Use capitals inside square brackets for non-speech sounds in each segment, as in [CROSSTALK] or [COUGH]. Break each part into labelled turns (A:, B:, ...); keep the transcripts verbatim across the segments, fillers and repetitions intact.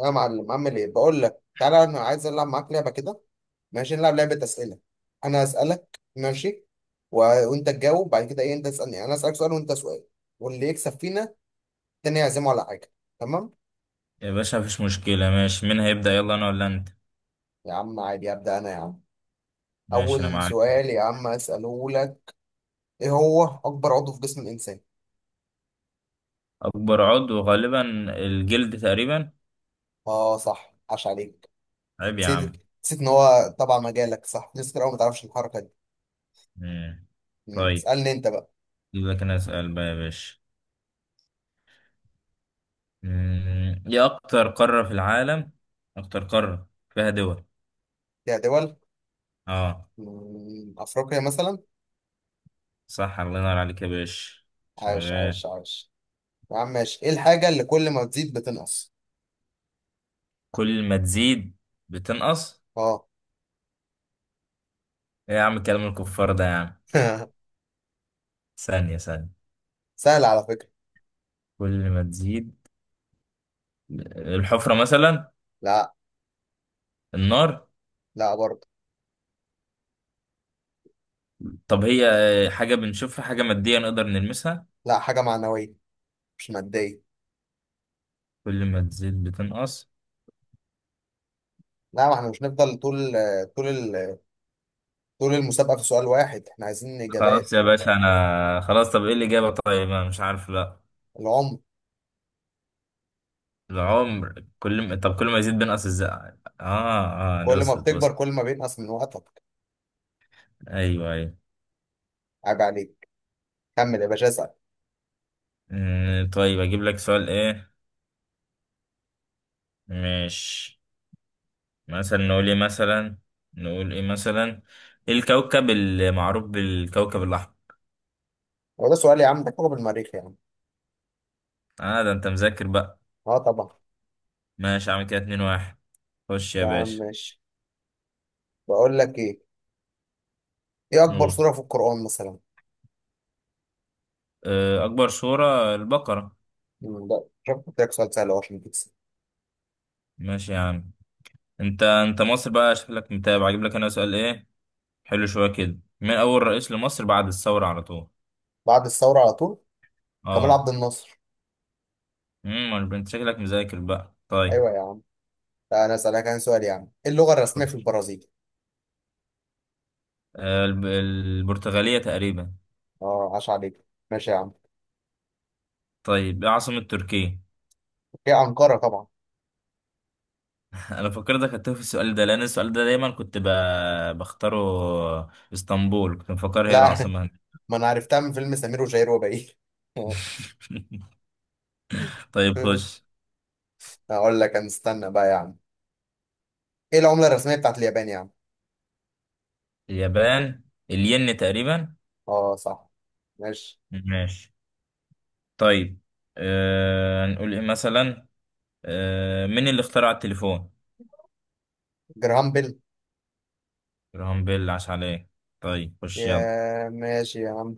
A: يا معلم اعمل ايه؟ بقول لك تعالى، انا عايز العب معاك لعبه كده. ماشي، نلعب لعبه اسئله. انا اسالك ماشي، و... وانت تجاوب، بعد كده ايه؟ انت تسالني، انا اسالك سؤال وانت سؤال، واللي يكسب فينا التاني يعزمه على حاجه. تمام.
B: يا باشا مفيش مشكلة، ماشي. مين هيبدأ؟ يلا أنا ولا أنت؟
A: يا عم عادي، ابدا انا يا عم.
B: ماشي أنا
A: اول
B: معاك.
A: سؤال يا عم اساله لك: ايه هو اكبر عضو في جسم الانسان؟
B: أكبر عضو غالبا الجلد تقريبا.
A: اه صح، عاش عليك.
B: عيب يا
A: نسيت
B: عم.
A: نسيت ان هو طبعا مجالك، صح، ناس كتير قوي ما تعرفش الحركه دي.
B: مم.
A: مم.
B: طيب
A: اسالني انت بقى.
B: أجيب لك، أنا أسأل بقى يا باشا. مم. إيه أكتر قارة في العالم؟ أكتر قارة فيها دول.
A: يا دول؟
B: أه
A: مم، افريقيا مثلا.
B: صح، الله ينور عليك يا باشا،
A: عاش
B: شغال.
A: عاش عاش. يا عم ماشي، ايه الحاجة اللي كل ما تزيد بتنقص؟
B: كل ما تزيد بتنقص؟
A: اه.
B: إيه يا عم كلام الكفار ده يا عم!
A: [LAUGHS]
B: ثانية ثانية.
A: سهل على فكرة.
B: كل ما تزيد الحفرة مثلا؟
A: لا.
B: النار؟
A: لا برضه.
B: طب هي آه، حاجة بنشوفها، حاجة مادية نقدر نلمسها؟
A: لا، حاجة معنوية مش مادية.
B: كل ما تزيد بتنقص.
A: لا، ما احنا مش نفضل طول طول ال- طول المسابقة في سؤال واحد، احنا عايزين
B: خلاص
A: اجابات.
B: يا باشا أنا خلاص، طب إيه الإجابة؟ طيب أنا مش عارف، لا.
A: العمر.
B: العمر كل ما، طب كل ما يزيد بينقص إزاي؟ آه آه، ده
A: كل ما
B: وصلت
A: بتكبر
B: وصلت.
A: كل ما بينقص من وقتك.
B: أيوه أيوه.
A: عيب عليك. كمل يا باشا، اسأل.
B: أمم، طيب، أجيب لك سؤال إيه؟ مش مثلا نقول إيه مثلا، نقول إيه مثلا؟ إيه الكوكب المعروف بالكوكب الأحمر؟
A: هو ده سؤال يا عم؟ ده كوكب المريخ يا عم.
B: آه ده أنت مذاكر بقى.
A: اه طبعا.
B: ماشي، عامل كده اتنين واحد. خش يا
A: يا عم
B: باشا.
A: ماشي، بقول لك ايه، ايه اكبر سورة في القرآن مثلا؟
B: آه، أكبر سورة البقرة.
A: مم، لا، شوف، قلت لك سؤال سهل أهو عشان تكسب.
B: ماشي يا عم. أنت أنت مصر بقى، شكلك متابع. أجيب لك أنا سؤال إيه؟ حلو شوية كده، مين أول رئيس لمصر بعد الثورة على طول؟
A: بعد الثورة على طول. كمال
B: أه.
A: عبد الناصر.
B: امم، أنت شكلك مذاكر بقى. طيب
A: ايوه يا عم. لا انا اسالك عن سؤال يا عم: ايه اللغه الرسميه
B: خش.
A: في البرازيل؟
B: آه، الب- البرتغالية تقريبا.
A: اه، عاش عليك. ماشي يا عم.
B: طيب إيه عاصمة تركيا؟
A: هي انقره طبعا.
B: [LAUGHS] أنا فكرتك هتوه في السؤال ده، لأن السؤال ده دايما كنت ب... بختاره. اسطنبول كنت مفكر هي
A: لا.
B: العاصمة هنا.
A: [LAUGHS] ما انا عرفتها من فيلم سمير وشهير وبهير.
B: [LAUGHS] طيب خش.
A: [LAUGHS] اقول لك انا، استنى بقى يا عم، ايه العمله الرسميه بتاعت اليابان يا عم؟
B: اليابان الين تقريبا.
A: اه صح. ماشي.
B: ماشي. طيب آه هنقول ايه مثلا؟ آه، مين اللي اخترع التليفون؟
A: جرام بيل.
B: جراهام بيل، عاش عليه. طيب خش
A: يا
B: يلا.
A: ماشي يا عم،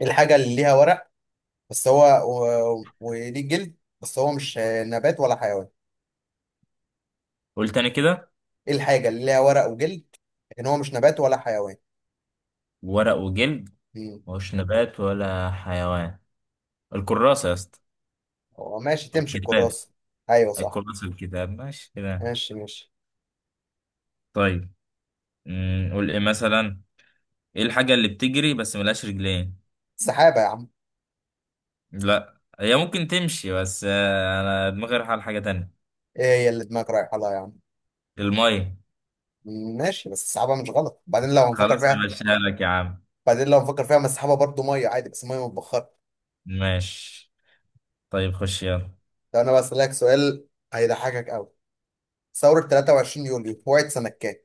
A: إيه الحاجه اللي ليها ورق بس هو و... وليه جلد بس هو مش نبات ولا حيوان؟
B: قول تاني كده.
A: ايه الحاجه اللي ليها ورق وجلد لكن هو مش نبات ولا حيوان؟
B: ورق وجلد،
A: مم.
B: مش نبات ولا حيوان؟ الكراسة يا اسطى.
A: هو ماشي، تمشي
B: الكتاب.
A: الكراسه. ايوه صح.
B: الكراسة، الكتاب، ماشي كده.
A: ماشي ماشي.
B: طيب مم، قول ايه مثلا؟ ايه الحاجة اللي بتجري بس ملهاش رجلين؟
A: السحابة يا عم.
B: لا، هي ممكن تمشي بس آه انا دماغي رايحة على حاجة تانية.
A: ايه هي اللي دماغك رايحة لها يا عم؟
B: المية.
A: ماشي، بس السحابة مش غلط. بعدين لو هنفكر
B: خلاص انا
A: فيها،
B: ماشيها لك يا عم.
A: بعدين لو هنفكر فيها ما السحابة برضه مية عادي بس مية متبخرة.
B: ماشي، طيب خش يلا.
A: لو انا بسألك سؤال هيضحكك قوي: ثورة ثلاثة وعشرين يوليو وقعت سنة كام؟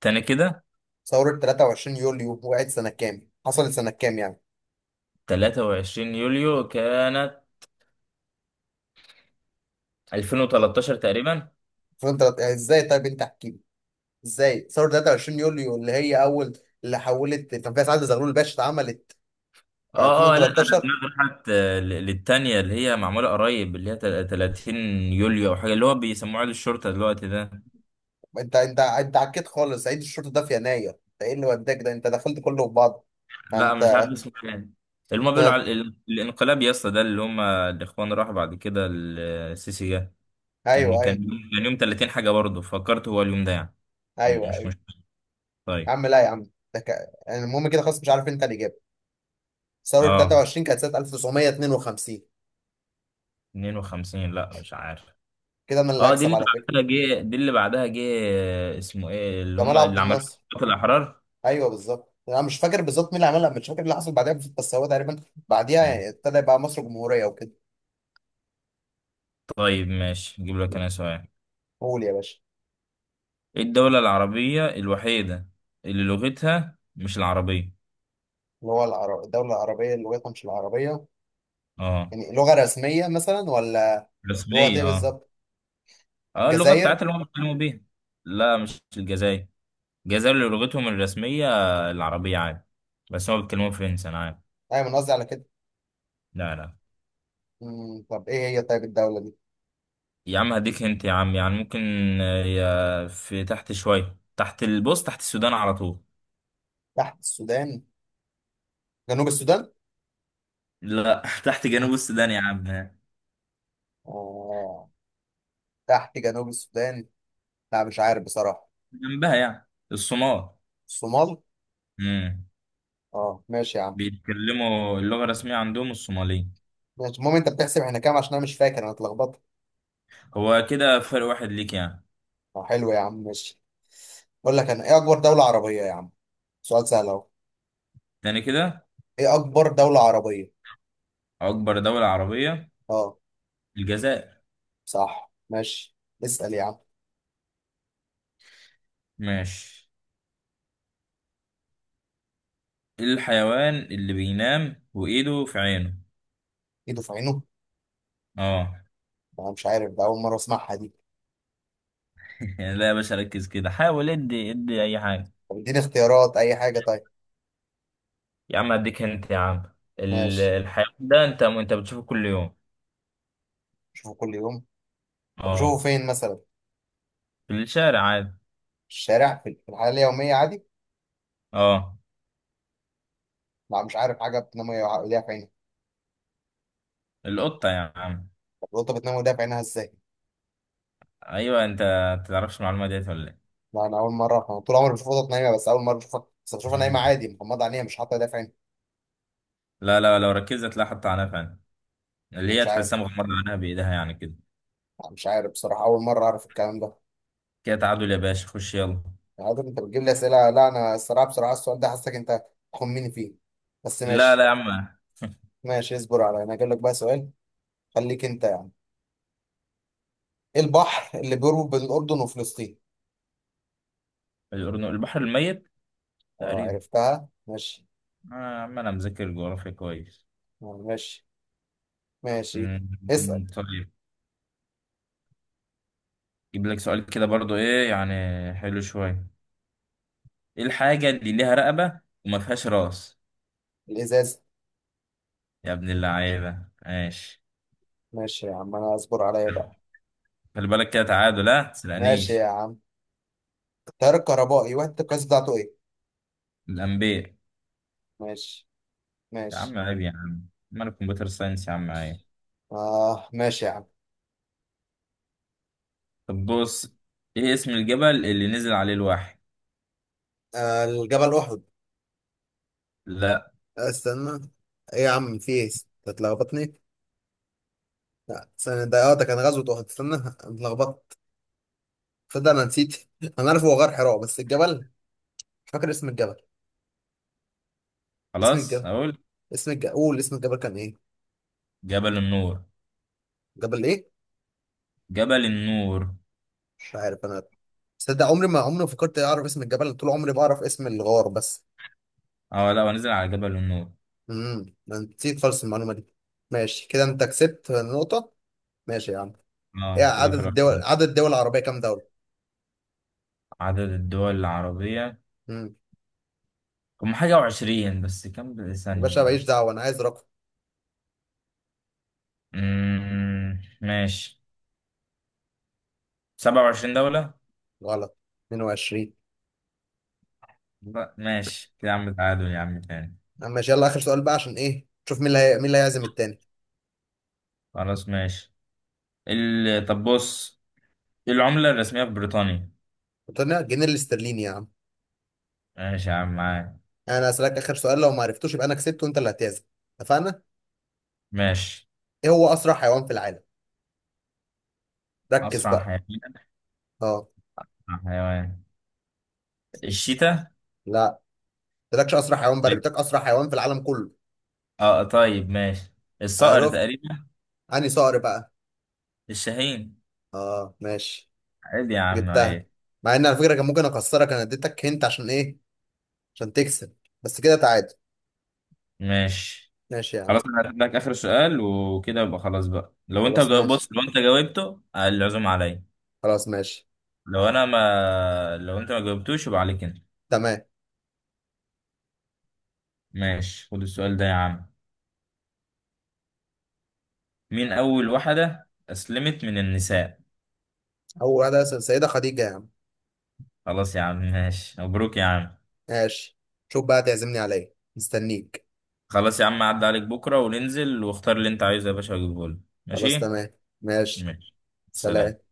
B: تاني كده.
A: ثورة ثلاثة وعشرين يوليو وقعت سنة كام؟ حصلت سنة كام يعني؟
B: تلاتة وعشرين يوليو كانت ألفين وتلتاشر تقريبا.
A: فانت ازاي طيب، انت احكي لي، ازاي ثورة تلاتة وعشرين يوليو اللي هي اول، اللي حولت، كان فيها سعد زغلول الباشا، اتعملت في
B: اه اه، لا انا
A: ألفين وتلتاشر؟
B: دماغي راحت آه، ل- للتانية اللي هي معمولة قريب، اللي هي تل- تلاتين يوليو او حاجة، اللي هو بيسموه عيد الشرطة دلوقتي ده.
A: انت انت انت عكيت خالص، عيد الشرطه ده في يناير، انت ايه اللي وداك ده؟ انت دخلت كله في بعض.
B: لا مش
A: انت
B: عارف اسمه ايه. اللي هما بيقولوا
A: فت-
B: على ال- الانقلاب يا اسطى ده، اللي هما الاخوان راحوا بعد كده ال- السيسي جه. كان
A: ايوه ايوه.
B: كان يوم- كان يوم تلاتين حاجة، برضه فكرت هو اليوم ده يعني. م-
A: ايوه
B: مش
A: ايوه
B: مش
A: يا
B: طيب
A: عم. لا يا عم، ده ك... يعني المهم كده، خلاص مش عارف انت اللي جاب. ثوره
B: اه.
A: تلاتة وعشرين كانت سنه ألف وتسعمية اتنين وخمسين.
B: اتنين وخمسين لا مش عارف.
A: كده انا اللي
B: اه دي
A: هكسب
B: اللي
A: على فكره.
B: بعدها جه، دي اللي بعدها جه. آه، اسمه ايه اللي هم
A: جمال عبد
B: اللي عملوا؟
A: الناصر.
B: في الاحرار.
A: ايوه بالظبط، انا مش فاكر بالظبط مين اللي عملها، مش فاكر اللي حصل بعدها، بس هو تقريبا بعديها
B: مم.
A: يعني ابتدى يبقى مصر جمهوريه وكده.
B: طيب ماشي، اجيب لك انا سؤال.
A: قول يا باشا.
B: ايه الدولة العربية الوحيدة اللي لغتها مش العربية؟
A: اللي هو العرب... الدوله العربيه اللي هي مش العربيه؟
B: اه.
A: يعني لغه رسميه مثلا ولا؟ لغه ايه
B: الرسمية اه.
A: بالظبط؟
B: اه اللغة
A: الجزائر.
B: بتاعتها اللي هم بيتكلموا بيها. لا مش الجزائر. الجزائر اللي لغتهم الرسمية العربية عادي، بس هم بيتكلموا فرنسي انا عارف.
A: ايوه انا قصدي على كده.
B: لا لا
A: مم، طب ايه هي طيب الدولة دي؟
B: يا عم، هديك انت يا عم يعني ممكن. آه، يا- في تحت شوية، تحت البوست، تحت السودان على طول.
A: تحت السودان؟ جنوب السودان.
B: لا [LAUGHS] تحت
A: مم.
B: جنوب السودان يا عم.
A: اه، تحت جنوب السودان. لا مش عارف بصراحة.
B: جنبها، يعني الصومال.
A: الصومال.
B: امم.
A: اه ماشي يا عم.
B: بيتكلموا اللغة الرسمية عندهم الصومالية.
A: ماشي، المهم انت بتحسب احنا كام؟ عشان انا مش فاكر، انا اتلخبطت.
B: هو كده فرق واحد ليك يعني.
A: اه حلو يا عم، ماشي. اقول لك انا، ايه اكبر دولة عربية يا عم؟ سؤال سهل اهو.
B: تاني كده.
A: ايه اكبر دولة عربية؟
B: أكبر دولة عربية
A: اه
B: الجزائر.
A: صح، ماشي. اسأل يا عم.
B: ماشي. إيه الحيوان اللي بينام وإيده في عينه؟
A: ايده في عينه؟
B: اه.
A: انا مش عارف، ده اول مرة اسمعها دي.
B: [LAUGHS] لا يا باشا، ركز كده، حاول ادي ادي أي حاجة.
A: طب اديني اختيارات اي حاجة طيب.
B: يا عم أديك أنت يا عم. ال-
A: ماشي.
B: الحيوان ده أنت أنت بتشوفه كل يوم.
A: شوفه كل يوم؟ طب اشوفه
B: اه.
A: فين مثلا؟
B: في الشارع عادي.
A: الشارع، في في الحياه اليوميه عادي.
B: اه.
A: لا مش عارف حاجه بتنام وهي- ايديها في عينها.
B: القطة يا عم.
A: طب القطه بتنام وإيديها في عينها ازاي؟
B: ايوه انت، تعرفش المعلومه ديت ولا ايه؟
A: لا انا اول مره، أنا طول عمري بشوف قطط نايمه، بس اول مره بشوفها، بس بشوفها نايمه عادي مغمضه عينيها، مش حاطه ايديها في عينها.
B: لا لا، لو ركزت هتلاقي حط عنها فعلا، اللي
A: أنا مش
B: هي
A: عارف.
B: تحسها مغمضه عنها بايدها يعني كده.
A: أنا مش عارف بصراحه، اول مره اعرف الكلام ده.
B: كده تعادل يا باشا، خش يلا.
A: يعني عادة انت بتجيب لي اسئله، لا انا الصراحه بصراحه السؤال ده حاسسك انت تخمني فيه، بس
B: لا لا
A: ماشي.
B: يا عم.
A: ماشي، اصبر على، انا هجيب لك بقى سؤال، خليك انت يعني. ايه البحر اللي بيربط بين الاردن وفلسطين؟
B: الأردن البحر الميت
A: اه
B: تقريبا.
A: عرفتها، ماشي.
B: آه يا عم انا مذاكر جغرافيا كويس.
A: آه، ماشي. ماشي. اسال.
B: أمم، طيب. جيب لك سؤال كده برضو ايه يعني، حلو شويه. ايه الحاجه اللي ليها رقبه وما فيهاش راس؟
A: الازاز.
B: يا ابن اللعيبه ماشي.
A: ماشي يا عم، انا اصبر عليا بقى.
B: خلي بالك كده تعادل، لا
A: ماشي يا
B: تسرقنيش.
A: عم، التيار الكهربائي وحدة القياس بتاعته ايه؟
B: الانبياء.
A: ماشي.
B: يا
A: ماشي.
B: عم عيب يا عم، ما انا كمبيوتر ساينس يا عم، عيب.
A: اه ماشي يا عم.
B: طب بص. ايه اسم الجبل اللي نزل عليه الوحي؟
A: آه، الجبل احد.
B: لا.
A: آه، استنى. ايه يا عم، في ايه؟ أنت اتلخبطني. لا استنى، ده اه ده كان غزوة احد. استنى، أنا اتلخبطت، تصدق انا نسيت. [LAUGHS] انا عارف هو غار حراء بس الجبل مش فاكر اسم الجبل. اسم
B: خلاص
A: الجبل
B: اقول.
A: اسم الجبل قول، اسم الجبل كان ايه؟
B: جبل النور.
A: جبل ايه؟
B: جبل النور.
A: مش عارف انا. تصدق، عمري ما عمري ما فكرت اعرف اسم الجبل، طول عمري بعرف اسم الغار بس.
B: اه، لا هو نزل على جبل النور.
A: امم، ده أنت نسيت خالص المعلومه دي. ماشي، كده انت كسبت نقطه. ماشي يا عم. ايه
B: اه كده في
A: عدد
B: الأخير.
A: الدول، عدد الدول العربيه كام دوله؟
B: عدد الدول العربية
A: امم.
B: هم حاجة وعشرين، بس كم بال-
A: يا
B: ثانية.
A: باشا ماليش دعوه، انا عايز رقم.
B: امم ماشي. سبعة وعشرين دولة.
A: غلط. اتنين وعشرين.
B: لا ماشي كده يا عم، تعادل يا عم تاني.
A: أما ماشي، يلا اخر سؤال بقى عشان ايه، شوف مين اللي هي... مين اللي هيعزم التاني.
B: خلاص ماشي. ال... طب بص، إيه العملة الرسمية في بريطانيا؟
A: قلت لنا الجنيه الاسترليني يا عم.
B: ماشي يا عم معاك.
A: انا اسالك اخر سؤال، لو ما عرفتوش يبقى انا كسبت وانت اللي هتعزم، اتفقنا؟
B: ماشي.
A: ايه هو اسرع حيوان في العالم؟ ركز
B: أسرع
A: بقى.
B: حيوان.
A: اه
B: أسرع حيوان الشيتا.
A: لا، ما قلتلكش اسرع حيوان بري،
B: طيب.
A: قلتلك اسرع حيوان في العالم كله.
B: اه طيب ماشي، الصقر
A: عرفت.
B: تقريبا.
A: انهي صقر بقى؟
B: الشاهين.
A: اه ماشي.
B: عادي يا عم
A: جبتها،
B: عادي.
A: مع ان على فكره كان ممكن اكسرك، انا اديتك هنت عشان ايه؟ عشان تكسب. بس كده تعادل.
B: ماشي.
A: ماشي يا عم.
B: خلاص انا هجيب لك اخر سؤال وكده يبقى خلاص بقى. لو انت
A: خلاص
B: جاوب،
A: ماشي.
B: بص لو انت جاوبته آه، العزوم عليا.
A: خلاص ماشي.
B: لو انا ما لو انت ما جاوبتوش يبقى عليك انت.
A: تمام.
B: ماشي، خد السؤال ده يا عم. مين اول واحدة اسلمت من النساء؟
A: اول واحده س- سيده خديجه يا عم.
B: خلاص يا عم ماشي، مبروك يا عم.
A: ماشي. شوف بقى تعزمني على ايه، مستنيك.
B: خلاص يا عم، عدى عليك بكرة وننزل واختار اللي انت عايزه يا باشا واجيبه لك.
A: خلاص
B: ماشي.
A: تمام. ماشي.
B: ماشي.
A: سلام.
B: سلام.